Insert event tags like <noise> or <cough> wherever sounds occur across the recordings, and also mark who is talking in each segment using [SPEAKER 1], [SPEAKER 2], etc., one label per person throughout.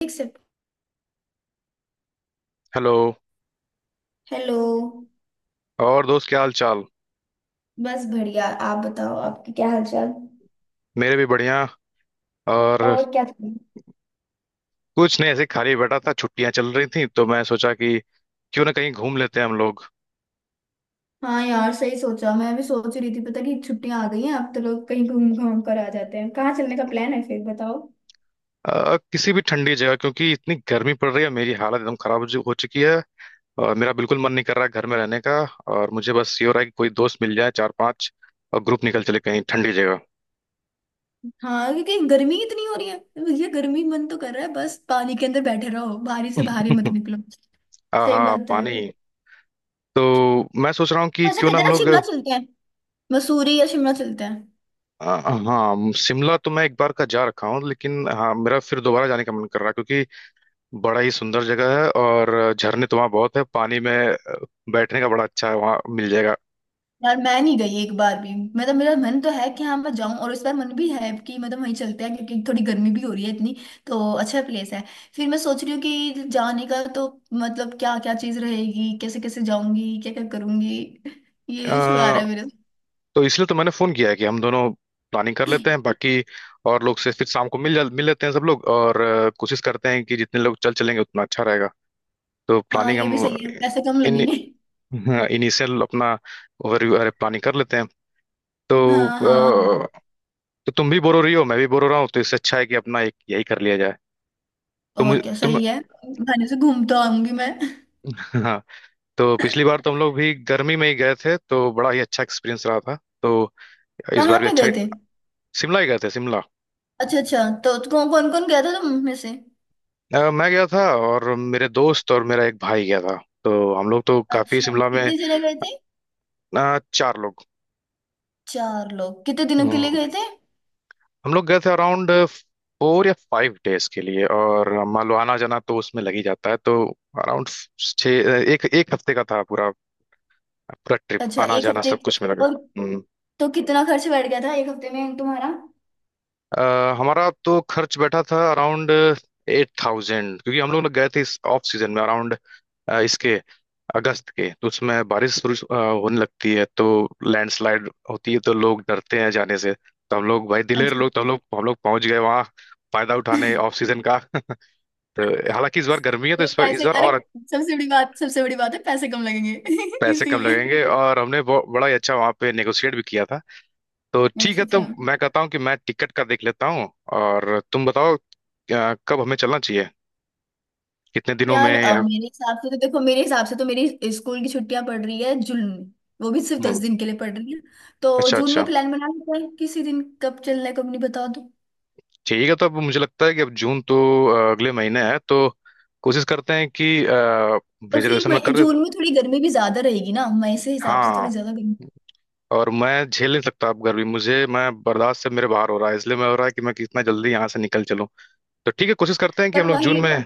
[SPEAKER 1] ठीक से।
[SPEAKER 2] Hello.
[SPEAKER 1] Hello.
[SPEAKER 2] और दोस्त, क्या हाल चाल।
[SPEAKER 1] बस बढ़िया, आप बताओ आपकी क्या हालचाल।
[SPEAKER 2] मेरे भी बढ़िया। और।
[SPEAKER 1] और क्या कर रही हो?
[SPEAKER 2] कुछ नहीं, ऐसे ही खाली बैठा था, छुट्टियां चल रही थी तो मैं सोचा कि क्यों ना कहीं घूम लेते हैं हम लोग।
[SPEAKER 1] हाँ यार, सही सोचा। मैं भी सोच रही थी पता कि छुट्टियां आ गई हैं, अब तो लोग कहीं घूम घाम कर आ जाते हैं। कहाँ चलने का प्लान है फिर, बताओ।
[SPEAKER 2] किसी भी ठंडी जगह, क्योंकि इतनी गर्मी पड़ रही है, मेरी हालत एकदम खराब हो चुकी है। और मेरा बिल्कुल मन नहीं कर रहा है घर में रहने का। और मुझे बस ये हो रहा है कि कोई दोस्त मिल जाए, चार पांच। और ग्रुप निकल चले कहीं ठंडी जगह।
[SPEAKER 1] हाँ, क्योंकि गर्मी इतनी हो रही है। भैया गर्मी, मन तो कर रहा है बस पानी के अंदर बैठे रहो, बाहर ही से बाहर ही मत
[SPEAKER 2] <laughs>
[SPEAKER 1] निकलो। सही
[SPEAKER 2] आहा,
[SPEAKER 1] बात है।
[SPEAKER 2] पानी। तो मैं सोच रहा हूँ कि
[SPEAKER 1] ऐसा
[SPEAKER 2] क्यों
[SPEAKER 1] कहते
[SPEAKER 2] ना
[SPEAKER 1] हैं
[SPEAKER 2] हम
[SPEAKER 1] ना,
[SPEAKER 2] लोग।
[SPEAKER 1] शिमला चलते हैं। मसूरी या शिमला चलते हैं।
[SPEAKER 2] अ, हाँ, शिमला तो मैं एक बार का जा रखा हूँ, लेकिन हाँ, मेरा फिर दोबारा जाने का मन कर रहा है क्योंकि बड़ा ही सुंदर जगह है, और झरने तो वहाँ बहुत है, पानी में बैठने का बड़ा अच्छा है, वहाँ मिल जाएगा।
[SPEAKER 1] यार मैं नहीं गई एक बार भी, मतलब मेरा मन तो है कि हाँ मैं जाऊं, और इस बार मन भी है कि मतलब वहीं चलते हैं क्योंकि थोड़ी गर्मी भी हो रही है इतनी। तो अच्छा प्लेस है। फिर मैं सोच रही हूँ कि जाने का तो, मतलब क्या क्या चीज रहेगी, कैसे कैसे जाऊंगी, क्या क्या करूंगी।
[SPEAKER 2] अ,
[SPEAKER 1] ये इशू आ रहा है मेरे साथ।
[SPEAKER 2] तो इसलिए तो मैंने फोन किया है कि हम दोनों प्लानिंग कर लेते हैं, बाकी और लोग से फिर शाम को मिल लेते हैं सब लोग, और कोशिश करते हैं कि जितने लोग चल चलेंगे उतना अच्छा रहेगा। तो
[SPEAKER 1] हाँ,
[SPEAKER 2] प्लानिंग
[SPEAKER 1] ये
[SPEAKER 2] हम।
[SPEAKER 1] भी सही है, पैसे कम
[SPEAKER 2] इन
[SPEAKER 1] लगेंगे।
[SPEAKER 2] हाँ, इनिशियल अपना ओवरव्यू। अरे, प्लानिंग कर लेते हैं। तो,
[SPEAKER 1] हाँ हाँ।
[SPEAKER 2] अ, तो तुम भी बोर हो रही हो, मैं भी बोर हो रहा हूँ, तो इससे अच्छा है कि अपना एक यही कर लिया जाए। तो
[SPEAKER 1] और
[SPEAKER 2] मुझे
[SPEAKER 1] क्या,
[SPEAKER 2] तुम।
[SPEAKER 1] सही है। बहाने से घूम तो आऊंगी मैं।
[SPEAKER 2] <laughs> तो पिछली बार तो हम लोग भी गर्मी में ही गए थे तो बड़ा ही अच्छा एक्सपीरियंस रहा था। तो इस
[SPEAKER 1] कहाँ
[SPEAKER 2] बार भी
[SPEAKER 1] पे
[SPEAKER 2] अच्छा
[SPEAKER 1] गए
[SPEAKER 2] ही।
[SPEAKER 1] थे?
[SPEAKER 2] शिमला ही गए थे, शिमला।
[SPEAKER 1] अच्छा अच्छा। तो कौन कौन कौन गया था तुम में से?
[SPEAKER 2] मैं गया था, और मेरे दोस्त और मेरा एक भाई गया था। तो हम लोग तो काफी
[SPEAKER 1] अच्छा,
[SPEAKER 2] शिमला में।
[SPEAKER 1] कितने जने गए थे?
[SPEAKER 2] चार लोग।
[SPEAKER 1] चार लोग कितने दिनों के लिए
[SPEAKER 2] हम्म,
[SPEAKER 1] गए थे?
[SPEAKER 2] हम लोग गए थे अराउंड 4 या 5 डेज के लिए, और मान लो आना जाना तो उसमें लग ही जाता है, तो अराउंड छः, एक एक हफ्ते का था पूरा। पूरा ट्रिप
[SPEAKER 1] अच्छा,
[SPEAKER 2] आना
[SPEAKER 1] एक
[SPEAKER 2] जाना
[SPEAKER 1] हफ्ते।
[SPEAKER 2] सब कुछ में लगा।
[SPEAKER 1] और?
[SPEAKER 2] हम्म।
[SPEAKER 1] तो कितना खर्च बैठ गया था एक हफ्ते में तुम्हारा?
[SPEAKER 2] अ, हमारा तो खर्च बैठा था अराउंड 8000, क्योंकि हम लोग ना गए थे इस ऑफ सीजन में। अराउंड इसके अगस्त के, तो उसमें बारिश बुरिश होने लगती है, तो लैंडस्लाइड होती है, तो लोग डरते हैं जाने से, तो हम लोग भाई दिलेर
[SPEAKER 1] अच्छा।
[SPEAKER 2] लोग तो हम लोग पहुंच गए वहाँ, फायदा उठाने ऑफ
[SPEAKER 1] <laughs>
[SPEAKER 2] सीजन का। <laughs> तो हालांकि इस बार गर्मी है, तो
[SPEAKER 1] तो
[SPEAKER 2] इस बार इस
[SPEAKER 1] पैसे,
[SPEAKER 2] बार
[SPEAKER 1] अरे
[SPEAKER 2] और
[SPEAKER 1] सबसे बड़ी बात, सबसे बड़ी बात है पैसे कम लगेंगे, <laughs>
[SPEAKER 2] पैसे कम
[SPEAKER 1] इसीलिए।
[SPEAKER 2] लगेंगे। और हमने बड़ा ही अच्छा वहाँ पे नेगोशिएट भी किया था। तो ठीक है।
[SPEAKER 1] अच्छा
[SPEAKER 2] तो
[SPEAKER 1] अच्छा।
[SPEAKER 2] मैं कहता हूँ कि मैं टिकट का देख लेता हूँ, और तुम बताओ, कब हमें चलना चाहिए, कितने दिनों में,
[SPEAKER 1] यार,
[SPEAKER 2] या
[SPEAKER 1] मेरे हिसाब से तो देखो, मेरे हिसाब से तो मेरी स्कूल की छुट्टियां पड़ रही है जून में। वो भी सिर्फ दस
[SPEAKER 2] हम्म,
[SPEAKER 1] दिन के लिए पड़ रही है। तो
[SPEAKER 2] अच्छा
[SPEAKER 1] जून में
[SPEAKER 2] अच्छा,
[SPEAKER 1] प्लान बना लेते हैं, किसी दिन कब चलना है कब नहीं, बता दो।
[SPEAKER 2] ठीक है। तो अब मुझे लगता है कि अब जून तो अगले महीने है, तो कोशिश करते हैं कि
[SPEAKER 1] और फिर
[SPEAKER 2] रिजर्वेशन में
[SPEAKER 1] मई
[SPEAKER 2] कर दे।
[SPEAKER 1] जून में थोड़ी गर्मी भी ज्यादा रहेगी ना, मई से हिसाब से
[SPEAKER 2] हाँ।
[SPEAKER 1] थोड़ी ज्यादा गर्मी।
[SPEAKER 2] और मैं झेल नहीं सकता अब गर्मी मुझे, मैं बर्दाश्त से मेरे बाहर हो रहा है, इसलिए मैं हो रहा है कि मैं कितना जल्दी यहाँ से निकल चलूँ। तो ठीक है, कोशिश करते हैं कि
[SPEAKER 1] पर
[SPEAKER 2] हम लोग
[SPEAKER 1] वही,
[SPEAKER 2] जून में,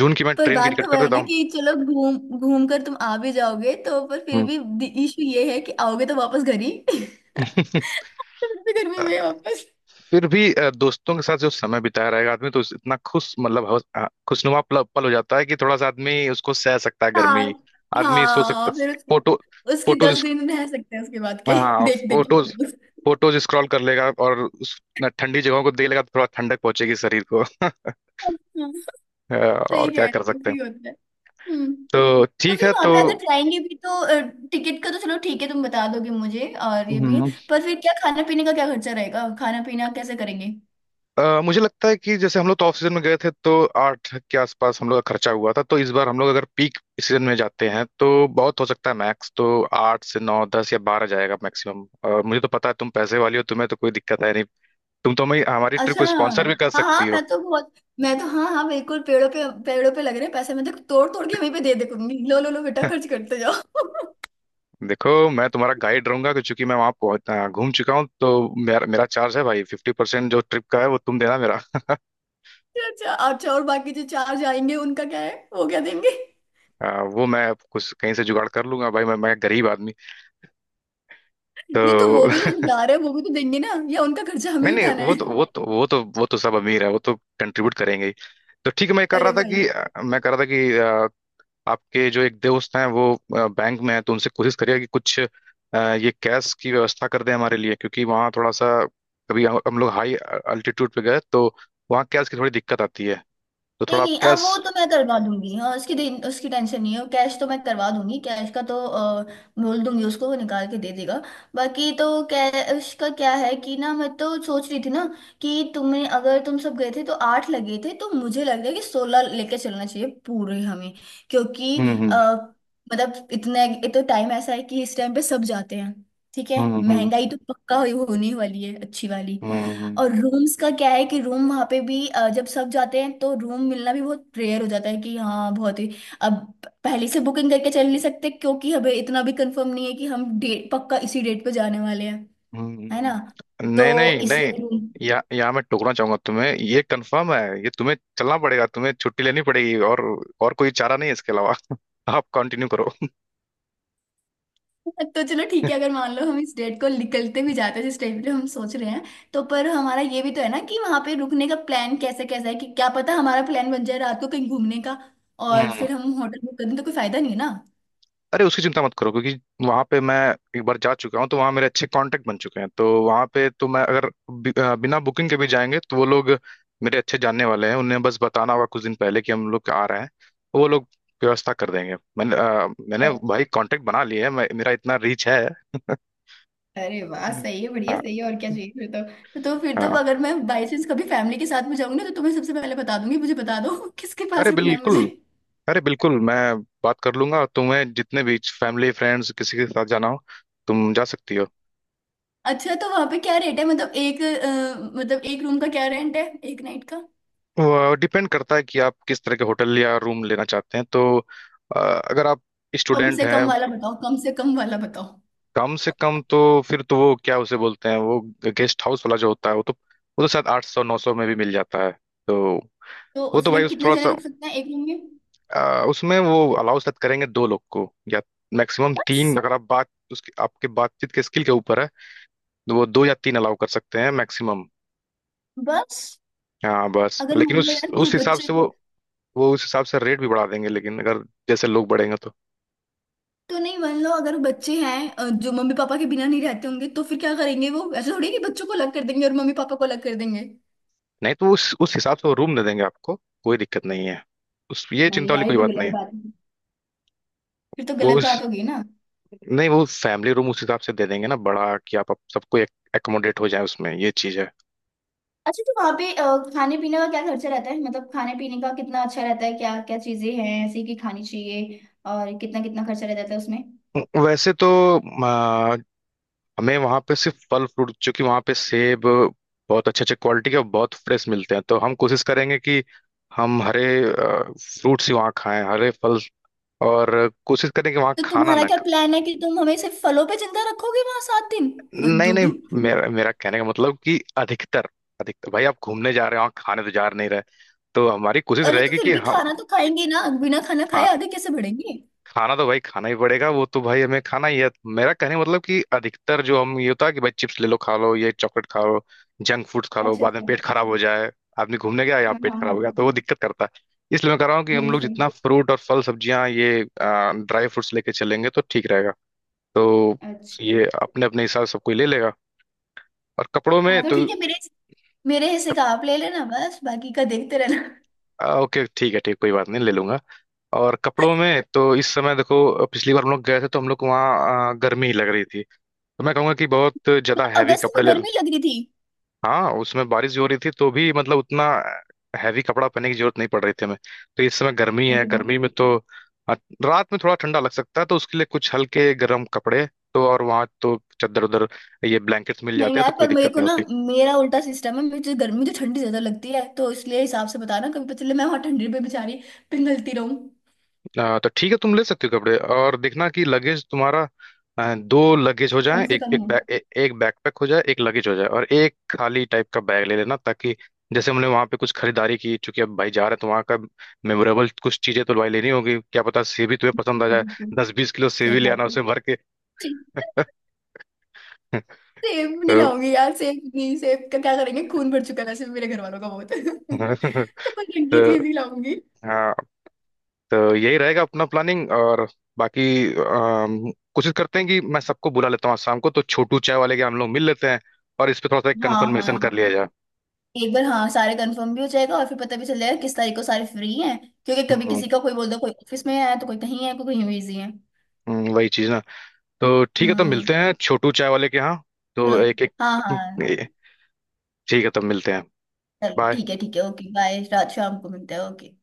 [SPEAKER 2] जून की मैं
[SPEAKER 1] पर
[SPEAKER 2] ट्रेन की
[SPEAKER 1] बात
[SPEAKER 2] टिकट
[SPEAKER 1] तो
[SPEAKER 2] कर
[SPEAKER 1] वह है
[SPEAKER 2] देता
[SPEAKER 1] ना
[SPEAKER 2] हूँ।
[SPEAKER 1] कि चलो घूम घूम कर तुम आ भी जाओगे तो, पर फिर भी इशू ये है कि आओगे तो वापस घर ही, <laughs>
[SPEAKER 2] हम्म।
[SPEAKER 1] फिर भी गर्मी में
[SPEAKER 2] <laughs>
[SPEAKER 1] वापस।
[SPEAKER 2] फिर भी दोस्तों के साथ जो समय बिताया रहेगा आदमी तो इतना खुश, मतलब खुशनुमा पल पल हो जाता है कि थोड़ा सा आदमी उसको सह सकता है
[SPEAKER 1] हाँ
[SPEAKER 2] गर्मी। आदमी सो सकता।
[SPEAKER 1] हाँ, फिर उसके,
[SPEAKER 2] फोटो।
[SPEAKER 1] उसके दस
[SPEAKER 2] फोटोज।
[SPEAKER 1] दिन रह सकते हैं उसके बाद के, <laughs>
[SPEAKER 2] हाँ,
[SPEAKER 1] देख देख के।
[SPEAKER 2] फोटोज। फोटोज स्क्रॉल कर लेगा और उस न, ठंडी जगहों को देख लेगा, तो थोड़ा ठंडक पहुंचेगी शरीर को। <laughs>
[SPEAKER 1] हाँ,
[SPEAKER 2] और
[SPEAKER 1] सही कह
[SPEAKER 2] क्या
[SPEAKER 1] रहे
[SPEAKER 2] कर
[SPEAKER 1] हो,
[SPEAKER 2] सकते हैं।
[SPEAKER 1] सही होता है। हम्म।
[SPEAKER 2] तो
[SPEAKER 1] तो
[SPEAKER 2] ठीक
[SPEAKER 1] फिर
[SPEAKER 2] है,
[SPEAKER 1] वहां
[SPEAKER 2] तो
[SPEAKER 1] पे अगर जाएंगे भी तो, टिकट का तो चलो ठीक है तुम बता दोगे मुझे, और ये भी,
[SPEAKER 2] हम्म,
[SPEAKER 1] पर फिर क्या खाना पीने का क्या खर्चा रहेगा, खाना पीना कैसे करेंगे?
[SPEAKER 2] मुझे लगता है कि जैसे हम लोग तो ऑफ सीजन में गए थे तो आठ के आसपास हम लोग का खर्चा हुआ था, तो इस बार हम लोग अगर पीक सीजन में जाते हैं तो बहुत हो सकता है, मैक्स तो आठ से नौ, 10 या 12 जाएगा मैक्सिमम। और मुझे तो पता है तुम पैसे वाली हो, तुम्हें तो कोई दिक्कत है नहीं, तुम तो हमें हमारी ट्रिप
[SPEAKER 1] अच्छा।
[SPEAKER 2] को स्पॉन्सर
[SPEAKER 1] हाँ
[SPEAKER 2] भी कर सकती
[SPEAKER 1] हाँ,
[SPEAKER 2] हो।
[SPEAKER 1] मैं तो बहुत, मैं तो, हाँ हाँ बिल्कुल। पेड़ों पे, पेड़ों पे लग रहे पैसे मैं तो तोड़ तोड़ के वहीं पे दे दे करूंगी, लो लो लो बेटा,
[SPEAKER 2] <laughs>
[SPEAKER 1] खर्च करते जाओ। <laughs>
[SPEAKER 2] देखो, मैं तुम्हारा गाइड रहूंगा कि चूंकि मैं वहां पहुंच घूम चुका हूँ, तो मेरा मेरा चार्ज है भाई 50%, जो ट्रिप का है वो तुम देना मेरा।
[SPEAKER 1] अच्छा अच्छा और बाकी जो चार जाएंगे उनका क्या है, वो क्या देंगे?
[SPEAKER 2] वो मैं कुछ कहीं से जुगाड़ कर लूंगा भाई, मैं गरीब आदमी। तो
[SPEAKER 1] <laughs> नहीं तो वो भी तो जा रहे हैं, वो भी तो देंगे ना, या उनका खर्चा हमें
[SPEAKER 2] नहीं
[SPEAKER 1] ही
[SPEAKER 2] नहीं,
[SPEAKER 1] उठाना है?
[SPEAKER 2] वो तो सब अमीर है, वो तो कंट्रीब्यूट करेंगे ही। तो ठीक है,
[SPEAKER 1] अरे भाई,
[SPEAKER 2] मैं कर रहा था कि आपके जो एक दोस्त हैं, वो बैंक में है, तो उनसे कोशिश करिएगा कि कुछ ये कैश की व्यवस्था कर दें हमारे लिए, क्योंकि वहाँ थोड़ा सा कभी हम लोग हाई अल्टीट्यूड पे गए तो वहाँ कैश की थोड़ी दिक्कत आती है। तो
[SPEAKER 1] नहीं
[SPEAKER 2] थोड़ा आप
[SPEAKER 1] नहीं, अब
[SPEAKER 2] कैश।
[SPEAKER 1] वो तो मैं करवा दूंगी हाँ, उसकी उसकी टेंशन नहीं है, कैश तो मैं करवा दूंगी। कैश का तो बोल दूंगी उसको, वो निकाल के दे देगा। बाकी तो कैश का क्या है। कि ना, मैं तो सोच रही थी ना कि तुम्हें, अगर तुम सब गए थे तो 8 लगे थे, तो मुझे लग रहा है कि 16 लेके चलना चाहिए पूरे हमें। क्योंकि
[SPEAKER 2] हम्म। हम्म।
[SPEAKER 1] आ, मतलब इतने, ये तो टाइम ऐसा है कि इस टाइम पे सब जाते हैं। ठीक है।
[SPEAKER 2] हम्म। हम्म।
[SPEAKER 1] महंगाई तो पक्का होने वाली है, अच्छी वाली।
[SPEAKER 2] हम्म। हम्म।
[SPEAKER 1] और रूम्स का क्या है कि रूम वहां पे भी, जब सब जाते हैं तो रूम मिलना भी बहुत रेयर हो जाता है, कि हाँ बहुत ही। अब पहले से बुकिंग करके चल नहीं सकते, क्योंकि हमें इतना भी कंफर्म नहीं है कि हम डेट पक्का इसी डेट पे जाने वाले हैं, है
[SPEAKER 2] हम्म,
[SPEAKER 1] ना।
[SPEAKER 2] नहीं
[SPEAKER 1] तो
[SPEAKER 2] नहीं नहीं।
[SPEAKER 1] इसलिए रूम।
[SPEAKER 2] या यहाँ मैं टोकना चाहूंगा तुम्हें, ये कंफर्म है, ये तुम्हें चलना पड़ेगा, तुम्हें छुट्टी लेनी पड़ेगी, और कोई चारा नहीं है इसके अलावा। <laughs> आप कंटिन्यू करो।
[SPEAKER 1] <laughs> तो चलो ठीक है, अगर मान लो हम इस डेट को निकलते भी जाते हैं जिस टाइम पे हम सोच रहे हैं, तो पर हमारा ये भी तो है ना कि वहां पे रुकने का प्लान कैसे, कैसा है। कि क्या पता हमारा प्लान बन जाए रात को कहीं घूमने का, और
[SPEAKER 2] हम्म।
[SPEAKER 1] फिर हम होटल बुक कर दें तो कोई फायदा नहीं है ना।
[SPEAKER 2] <laughs> अरे, उसकी चिंता मत करो, क्योंकि वहां पे मैं एक बार जा चुका हूँ, तो वहां मेरे अच्छे कांटेक्ट बन चुके हैं, तो वहां पे तो मैं अगर बिना बुकिंग के भी जाएंगे तो वो लोग मेरे अच्छे जानने वाले हैं, उन्हें बस बताना होगा कुछ दिन पहले कि हम लोग आ रहे हैं, तो वो लोग व्यवस्था कर देंगे। मैंने मैंने भाई कांटेक्ट बना लिए है, मेरा इतना रीच है। <laughs>
[SPEAKER 1] अरे वाह, सही है, बढ़िया।
[SPEAKER 2] हाँ
[SPEAKER 1] सही है, और क्या चाहिए फिर तो। तो फिर तो
[SPEAKER 2] हाँ।
[SPEAKER 1] अगर मैं बाई चांस कभी फैमिली के साथ में जाऊंगी ना तो तुम्हें सबसे पहले बता दूंगी, मुझे बता दो <laughs> किसके
[SPEAKER 2] अरे,
[SPEAKER 1] पास रुकना है
[SPEAKER 2] बिल्कुल।
[SPEAKER 1] मुझे।
[SPEAKER 2] अरे, बिल्कुल, मैं बात कर लूंगा, तुम्हें जितने भी फैमिली फ्रेंड्स किसी के साथ जाना हो, तुम जा सकती हो।
[SPEAKER 1] अच्छा, तो वहां पे क्या रेट है, मतलब एक, मतलब एक रूम का क्या रेंट है, एक नाइट का?
[SPEAKER 2] वो डिपेंड करता है कि आप किस तरह के होटल या रूम लेना चाहते हैं, तो अगर आप
[SPEAKER 1] कम
[SPEAKER 2] स्टूडेंट
[SPEAKER 1] से
[SPEAKER 2] हैं।
[SPEAKER 1] कम वाला बताओ, कम से कम वाला बताओ।
[SPEAKER 2] कम से कम तो फिर तो वो क्या उसे बोलते हैं, वो गेस्ट हाउस वाला जो होता है, वो तो शायद 800 900 में भी मिल जाता है। तो
[SPEAKER 1] तो
[SPEAKER 2] वो तो भाई
[SPEAKER 1] उसमें
[SPEAKER 2] उस
[SPEAKER 1] कितने
[SPEAKER 2] थोड़ा
[SPEAKER 1] जने
[SPEAKER 2] सा
[SPEAKER 1] रुक सकते हैं एक रूम में?
[SPEAKER 2] उसमें वो अलाउ शायद करेंगे दो लोग को, या मैक्सिमम तीन,
[SPEAKER 1] बस।
[SPEAKER 2] अगर आप बात उसकी आपके बातचीत के स्किल के ऊपर है। तो वो दो या तीन अलाउ कर सकते हैं मैक्सिमम।
[SPEAKER 1] बस।
[SPEAKER 2] हाँ बस,
[SPEAKER 1] अगर
[SPEAKER 2] लेकिन
[SPEAKER 1] मान लो
[SPEAKER 2] उस
[SPEAKER 1] यार कोई
[SPEAKER 2] उस हिसाब से
[SPEAKER 1] बच्चे,
[SPEAKER 2] वो उस हिसाब से रेट भी बढ़ा देंगे, लेकिन अगर जैसे लोग बढ़ेंगे तो
[SPEAKER 1] तो नहीं, मान लो अगर बच्चे हैं जो मम्मी पापा के बिना नहीं रहते होंगे तो फिर क्या करेंगे? वो ऐसे थोड़ी है कि बच्चों को अलग कर देंगे और मम्मी पापा को अलग कर देंगे।
[SPEAKER 2] नहीं, तो उस हिसाब से वो रूम दे देंगे आपको, कोई दिक्कत नहीं है। उस ये
[SPEAKER 1] नहीं
[SPEAKER 2] चिंता वाली
[SPEAKER 1] यार, ये
[SPEAKER 2] कोई
[SPEAKER 1] तो
[SPEAKER 2] बात नहीं
[SPEAKER 1] गलत
[SPEAKER 2] है।
[SPEAKER 1] बात है, फिर तो
[SPEAKER 2] वो
[SPEAKER 1] गलत
[SPEAKER 2] उस,
[SPEAKER 1] बात होगी ना।
[SPEAKER 2] नहीं, वो फैमिली रूम उस हिसाब से दे देंगे ना, बड़ा, कि आप सबको एकोमोडेट हो जाए उसमें, ये चीज है।
[SPEAKER 1] अच्छा, तो वहां पे खाने पीने का क्या खर्चा रहता है, मतलब खाने पीने का कितना अच्छा रहता है? क्या क्या चीजें हैं ऐसी कि खानी चाहिए, और कितना कितना खर्चा रहता है उसमें?
[SPEAKER 2] वैसे तो हमें वहां पे सिर्फ फल फ्रूट, क्योंकि वहां पे सेब बहुत अच्छे अच्छे क्वालिटी के और बहुत फ्रेश मिलते हैं, तो हम कोशिश करेंगे कि हम हरे फ्रूट्स ही वहाँ खाएं, हरे फल, और कोशिश करें कि वहाँ
[SPEAKER 1] तो
[SPEAKER 2] खाना
[SPEAKER 1] तुम्हारा
[SPEAKER 2] ना
[SPEAKER 1] क्या
[SPEAKER 2] ख-।
[SPEAKER 1] प्लान है कि तुम हमें सिर्फ फलों पे जिंदा रखोगे वहां 7 दिन? हद
[SPEAKER 2] नहीं
[SPEAKER 1] हो
[SPEAKER 2] नहीं,
[SPEAKER 1] गई।
[SPEAKER 2] मेरा मेरा कहने का मतलब कि अधिकतर अधिकतर भाई आप घूमने जा रहे हो, वहाँ खाने तो जा नहीं रहे। तो हमारी कोशिश
[SPEAKER 1] अरे तो
[SPEAKER 2] रहेगी
[SPEAKER 1] फिर
[SPEAKER 2] कि
[SPEAKER 1] भी
[SPEAKER 2] हम।
[SPEAKER 1] खाना तो खाएंगे ना, बिना खाना खाए
[SPEAKER 2] हाँ,
[SPEAKER 1] आधे कैसे बढ़ेंगे?
[SPEAKER 2] खाना तो भाई खाना ही पड़ेगा, वो तो भाई हमें खाना ही है। मेरा कहने का मतलब कि अधिकतर जो हम ये होता है कि भाई चिप्स ले लो खा लो, ये चॉकलेट खा लो, जंक फूड्स खा लो,
[SPEAKER 1] अच्छा
[SPEAKER 2] बाद में
[SPEAKER 1] अच्छा।
[SPEAKER 2] पेट खराब हो जाए, आदमी घूमने गया या
[SPEAKER 1] हाँ
[SPEAKER 2] पेट
[SPEAKER 1] हाँ
[SPEAKER 2] खराब हो गया
[SPEAKER 1] हाँ।
[SPEAKER 2] तो वो दिक्कत करता है। इसलिए मैं कह रहा हूँ कि
[SPEAKER 1] नहीं
[SPEAKER 2] हम
[SPEAKER 1] नहीं,
[SPEAKER 2] लोग
[SPEAKER 1] सही।
[SPEAKER 2] जितना फ्रूट और फल, सब्जियां, ये ड्राई फ्रूट्स लेके चलेंगे तो ठीक रहेगा। तो
[SPEAKER 1] अच्छा।
[SPEAKER 2] ये अपने अपने हिसाब से सब कोई ले लेगा। और कपड़ों में
[SPEAKER 1] हाँ तो
[SPEAKER 2] तो
[SPEAKER 1] ठीक है, मेरे, मेरे हिस्से का आप ले लेना बस, बाकी का देखते रहना।
[SPEAKER 2] ओके, ठीक है ठीक, कोई बात नहीं ले लूंगा। और कपड़ों में तो इस समय देखो, पिछली बार हम लोग गए थे तो हम लोग को वहाँ गर्मी ही लग रही थी, तो मैं कहूंगा कि बहुत
[SPEAKER 1] तो
[SPEAKER 2] ज्यादा हैवी
[SPEAKER 1] अगस्त में
[SPEAKER 2] कपड़े ले।
[SPEAKER 1] गर्मी लग रही थी?
[SPEAKER 2] हाँ, उसमें बारिश भी हो रही थी तो भी, मतलब उतना हैवी कपड़ा पहनने की जरूरत नहीं पड़ रही थी हमें। तो इस समय गर्मी है,
[SPEAKER 1] अरे वाह।
[SPEAKER 2] गर्मी में तो अ, रात में थोड़ा ठंडा लग सकता है, तो उसके लिए कुछ हल्के गर्म कपड़े। तो और वहाँ तो चादर उधर ये ब्लैंकेट्स मिल
[SPEAKER 1] नहीं
[SPEAKER 2] जाते हैं,
[SPEAKER 1] यार,
[SPEAKER 2] तो कोई
[SPEAKER 1] पर मेरे
[SPEAKER 2] दिक्कत
[SPEAKER 1] को
[SPEAKER 2] नहीं
[SPEAKER 1] ना
[SPEAKER 2] होती।
[SPEAKER 1] मेरा उल्टा सिस्टम है, मुझे गर्मी, मुझे ठंडी ज्यादा लगती है, तो इसलिए हिसाब से बताना। कभी पता चले मैं वहां ठंडी पे बेचारी पिघलती रहूं।
[SPEAKER 2] तो ठीक है, तुम ले सकते हो कपड़े, और देखना कि लगेज तुम्हारा दो लगेज हो जाए,
[SPEAKER 1] कम से
[SPEAKER 2] एक
[SPEAKER 1] कम
[SPEAKER 2] एक
[SPEAKER 1] हो।
[SPEAKER 2] बैग, एक बैकपैक हो जाए, एक लगेज हो जाए, और एक खाली टाइप का बैग ले लेना, ताकि जैसे हमने वहां पे कुछ खरीदारी की, चूंकि अब भाई जा रहे हैं तो वहां का मेमोरेबल कुछ चीजें तो भाई लेनी होगी, क्या पता सेवी तुम्हें पसंद आ जाए,
[SPEAKER 1] बिल्कुल।
[SPEAKER 2] 10-20 किलो
[SPEAKER 1] सही
[SPEAKER 2] सेवी ले आना
[SPEAKER 1] बात है।
[SPEAKER 2] उसे भर के। <laughs>
[SPEAKER 1] सेब नहीं
[SPEAKER 2] तो,
[SPEAKER 1] लाऊंगी यार, सेब नहीं, सेब का क्या करेंगे, खून भर चुका है वैसे भी मेरे घर वालों का बहुत। <laughs> तो मैं
[SPEAKER 2] <laughs>
[SPEAKER 1] ठंडी
[SPEAKER 2] तो
[SPEAKER 1] चीज ही लाऊंगी।
[SPEAKER 2] हाँ, तो यही रहेगा अपना प्लानिंग और बाकी। कोशिश करते हैं कि मैं सबको बुला लेता हूँ, आज शाम को तो छोटू चाय वाले के हम लोग मिल लेते हैं, और इस पे थोड़ा सा एक
[SPEAKER 1] हाँ
[SPEAKER 2] कन्फर्मेशन
[SPEAKER 1] हाँ,
[SPEAKER 2] कर लिया जाए।
[SPEAKER 1] एक बार हाँ सारे कंफर्म भी हो जाएगा, और फिर पता भी चल जाएगा किस तारीख को सारे फ्री हैं। क्योंकि कभी
[SPEAKER 2] हम्म।
[SPEAKER 1] किसी का कोई, बोल दो कोई ऑफिस में है, तो कोई कहीं है, कोई कहीं बिजी है।
[SPEAKER 2] वही चीज़ ना। तो ठीक है, तो
[SPEAKER 1] हम्म।
[SPEAKER 2] मिलते हैं छोटू चाय वाले के यहाँ। तो
[SPEAKER 1] चलो।
[SPEAKER 2] एक एक
[SPEAKER 1] हाँ हाँ।
[SPEAKER 2] ठीक है, तब मिलते हैं।
[SPEAKER 1] चल
[SPEAKER 2] बाय।
[SPEAKER 1] ठीक है, ठीक है, ओके, बाय। रात, शाम को मिलते हैं। ओके।